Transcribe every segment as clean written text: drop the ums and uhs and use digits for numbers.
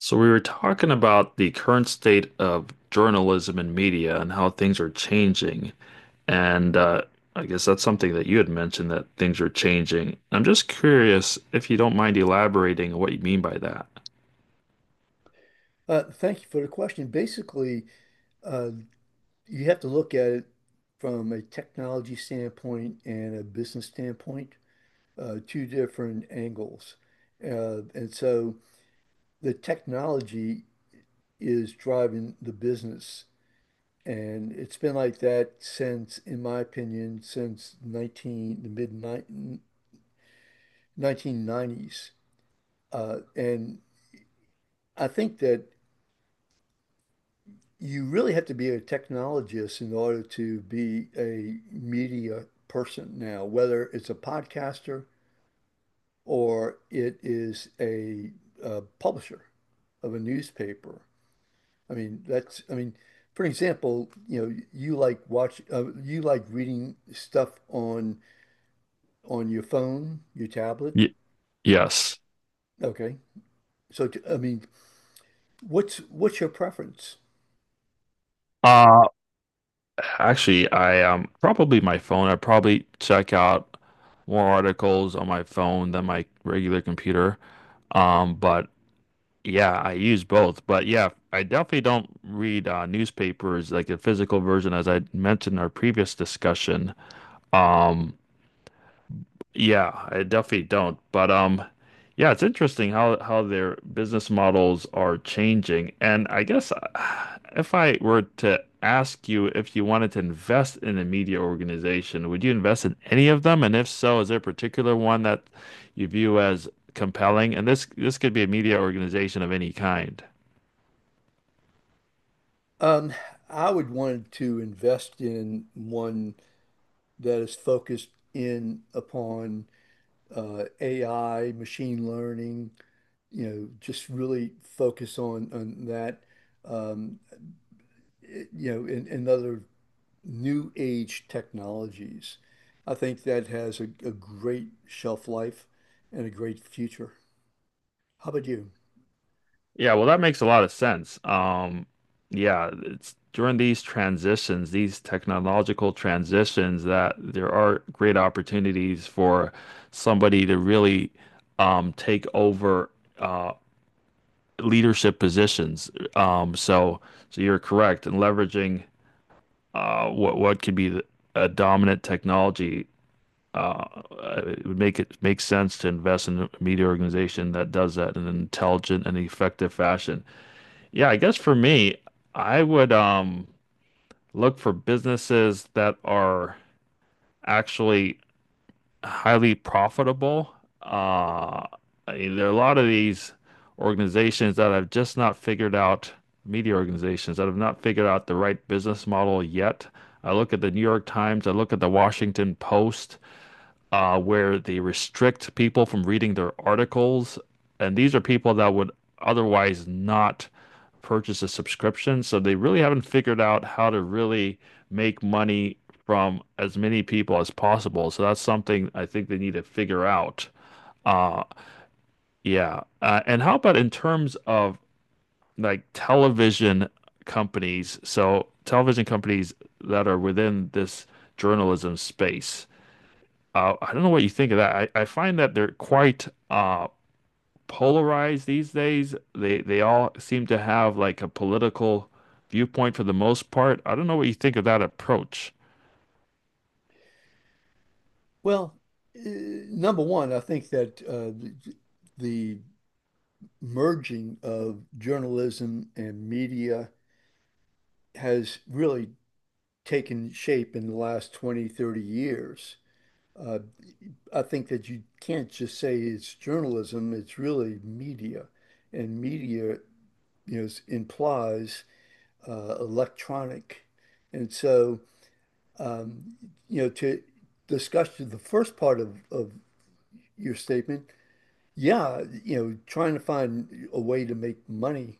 So we were talking about the current state of journalism and media and how things are changing. And I guess that's something that you had mentioned that things are changing. I'm just curious if you don't mind elaborating on what you mean by that. Thank you for the question. Basically, uh, you have to look at it from a technology standpoint and a business standpoint, two different angles. And so the technology is driving the business. And it's been like that since, in my opinion, since 19, the mid ni- 1990s. And I think that you really have to be a technologist in order to be a media person now, whether it's a podcaster or it is a publisher of a newspaper. I mean, that's, I mean, for example, you like you like reading stuff on your phone, your tablet. Y Yes. Okay. So, what's your preference? Uh, Actually, I probably my phone. I probably check out more articles on my phone than my regular computer. But yeah, I use both, but yeah, I definitely don't read newspapers like the physical version, as I mentioned in our previous discussion. Um, yeah, I definitely don't. But yeah, it's interesting how their business models are changing. And I guess if I were to ask you if you wanted to invest in a media organization, would you invest in any of them? And if so, is there a particular one that you view as compelling? And this could be a media organization of any kind. Um, I would want to invest in one that is focused in upon AI, machine learning, you know, just really focus on that, um, you know, and other new age technologies. I think that has a great shelf life and a great future. How about you? Yeah, well, that makes a lot of sense. Yeah, it's during these transitions, these technological transitions, that there are great opportunities for somebody to really take over uh, leadership positions. Um, so, so you're correct in leveraging what could be a dominant technology. Uh, it would make sense to invest in a media organization that does that in an intelligent and effective fashion. Yeah, I guess for me, I would look for businesses that are actually highly profitable. Uh, I mean, there are a lot of these organizations that have just not figured out, media organizations that have not figured out the right business model yet. I look at the New York Times, I look at the Washington Post where they restrict people from reading their articles. And these are people that would otherwise not purchase a subscription. So they really haven't figured out how to really make money from as many people as possible. So that's something I think they need to figure out. Uh, yeah. And how about in terms of like television companies? So television companies that are within this journalism space. I don't know what you think of that. I find that they're quite polarized these days. They all seem to have like a political viewpoint for the most part. I don't know what you think of that approach. Well, number one, I think that the merging of journalism and media has really taken shape in the last 20, 30 years. Uh, I think that you can't just say it's journalism, it's really media. And media, implies electronic. And so, um, you know, to discuss the first part of your statement, yeah, you know, trying to find a way to make money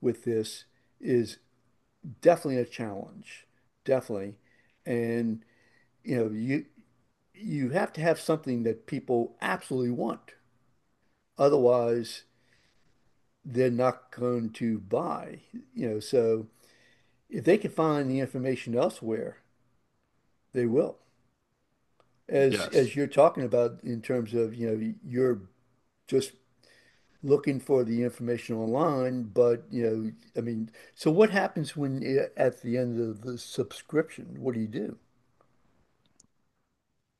with this is definitely a challenge, definitely. And, you know, you have to have something that people absolutely want. Otherwise, they're not going to buy. You know, so if they can find the information elsewhere, they will. Yes. As you're talking about in terms of, you know, you're just looking for the information online, but you know, I mean, so what happens when at the end of the subscription? What do you do?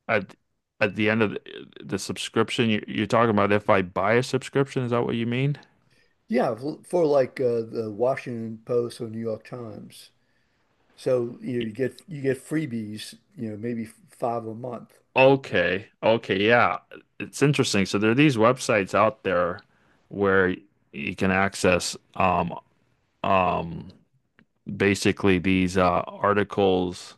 At the end of the subscription, you're talking about if I buy a subscription, is that what you mean? Yeah, for like the Washington Post or New York Times. So, you know, you get freebies, you know, maybe five a month. Okay. Okay. Yeah. It's interesting. So there are these websites out there where you can access um basically these articles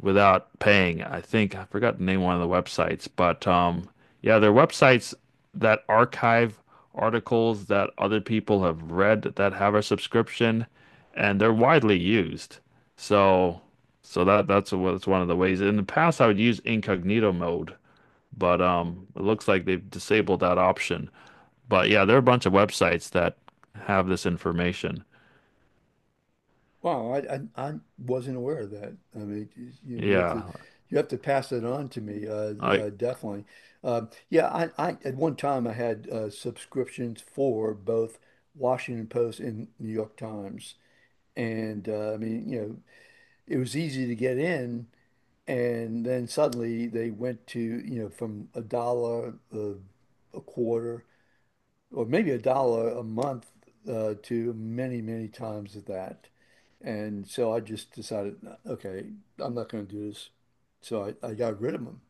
without paying. I think I forgot the name of one of the websites, but yeah, they're websites that archive articles that other people have read that have a subscription, and they're widely used. So, so, that that's one of the ways. In the past, I would use incognito mode, but it looks like they've disabled that option. But yeah, there are a bunch of websites that have this information. Wow, I wasn't aware of that. I mean, you, you have to Yeah, you have to pass it on to me, like definitely. Uh, yeah, I at one time I had subscriptions for both Washington Post and New York Times, and I mean, you know, it was easy to get in, and then suddenly they went to you know from a dollar, a quarter or maybe a dollar a month to many, many times of that. And so I just decided, okay, I'm not going to do this. So I got rid of them.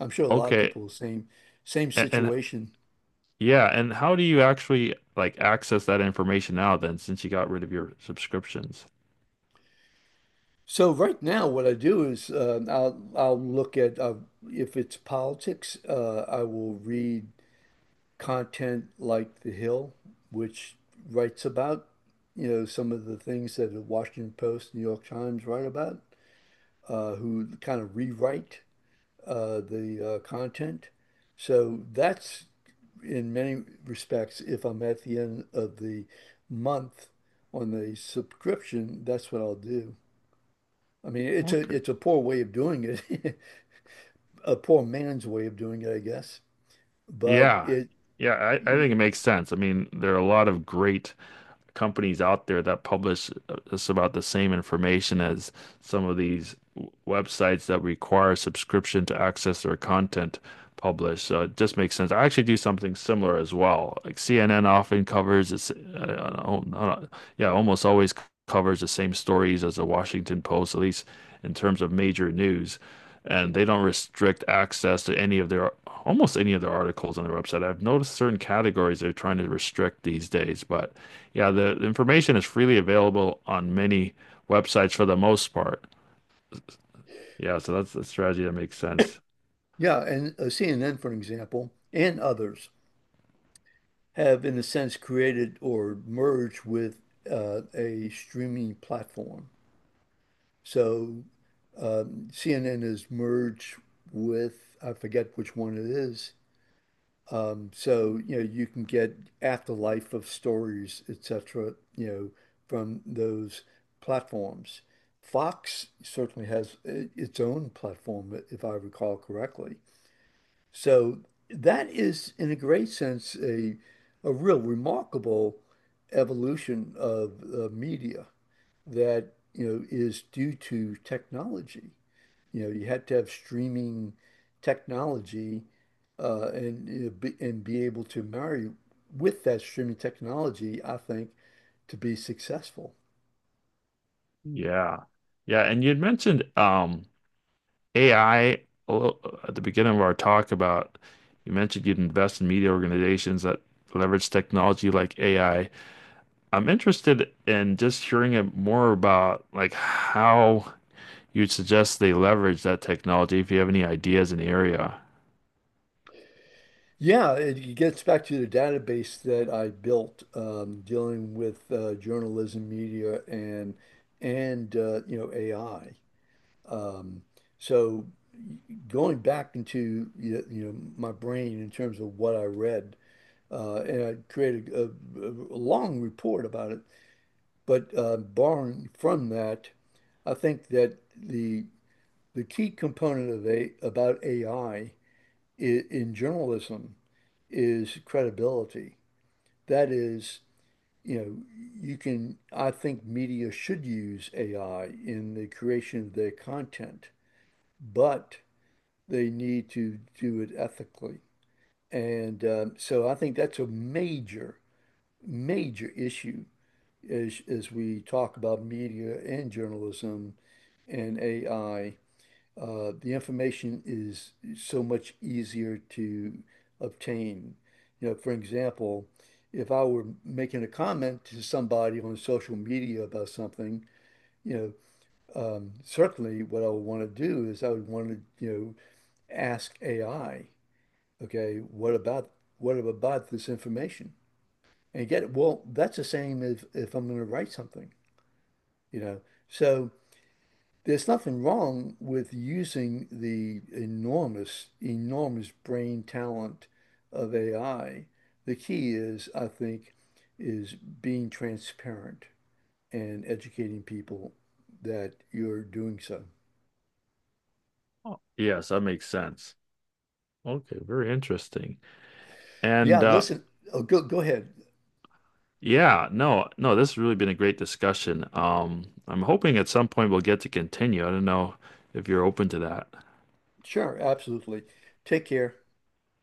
I'm sure a lot of okay. people, same, same And situation. yeah, and how do you actually like access that information now then, since you got rid of your subscriptions? So right now, what I do is I'll look at if it's politics, I will read content like The Hill, which writes about, you know, some of the things that the Washington Post, New York Times write about. Who kind of rewrite the content. So that's in many respects, if I'm at the end of the month on the subscription, that's what I'll do. I mean, it's a Okay. it's a poor way of doing it, a poor man's way of doing it, I guess. But Yeah. it, Yeah, I you think know, it makes sense. I mean, there are a lot of great companies out there that publish just about the same information as some of these websites that require subscription to access their content published. So it just makes sense. I actually do something similar as well. Like CNN often covers yeah, almost always covers the same stories as the Washington Post, at least in terms of major news. And they don't restrict access to any of their almost any of their articles on their website. I've noticed certain categories they're trying to restrict these days, but yeah, the information is freely available on many websites for the most part. Yeah, so that's a strategy that makes sense. yeah, and CNN, for example, and others have, in a sense, created or merged with a streaming platform. So CNN is merged with, I forget which one it is. You know, you can get afterlife of stories, etc., you know, from those platforms. Fox certainly has its own platform, if I recall correctly. So that is, in a great sense, a real remarkable evolution of media that, you know, is due to technology. You know, you had to have streaming technology and you know, and be able to marry with that streaming technology, I think, to be successful. Yeah. Yeah, and you had mentioned AI little- at the beginning of our talk about you mentioned you'd invest in media organizations that leverage technology like AI. I'm interested in just hearing more about like how you'd suggest they leverage that technology if you have any ideas in the area. Yeah, it gets back to the database that I built dealing with journalism, media, and you know AI. Um, so going back into you know, my brain in terms of what I read, and I created a long report about it. But barring from that, I think that the key component of a about AI in journalism is credibility. That is, you know, you can, I think media should use AI in the creation of their content, but they need to do it ethically. And so I think that's a major, major issue as we talk about media and journalism and AI, the information is so much easier to obtain. You know, for example, if I were making a comment to somebody on social media about something, you certainly what I would want to do is I would want to, you know, ask AI, okay, what about this information? And get it. Well, that's the same as if I'm going to write something. You know. So there's nothing wrong with using the enormous, enormous brain talent of AI. The key is, I think, is being transparent and educating people that you're doing so. Oh, yes, that makes sense. Okay, very interesting. And Yeah, listen, oh, go ahead. yeah, no, this has really been a great discussion. I'm hoping at some point we'll get to continue. I don't know if you're open to that. Sure, absolutely. Take care.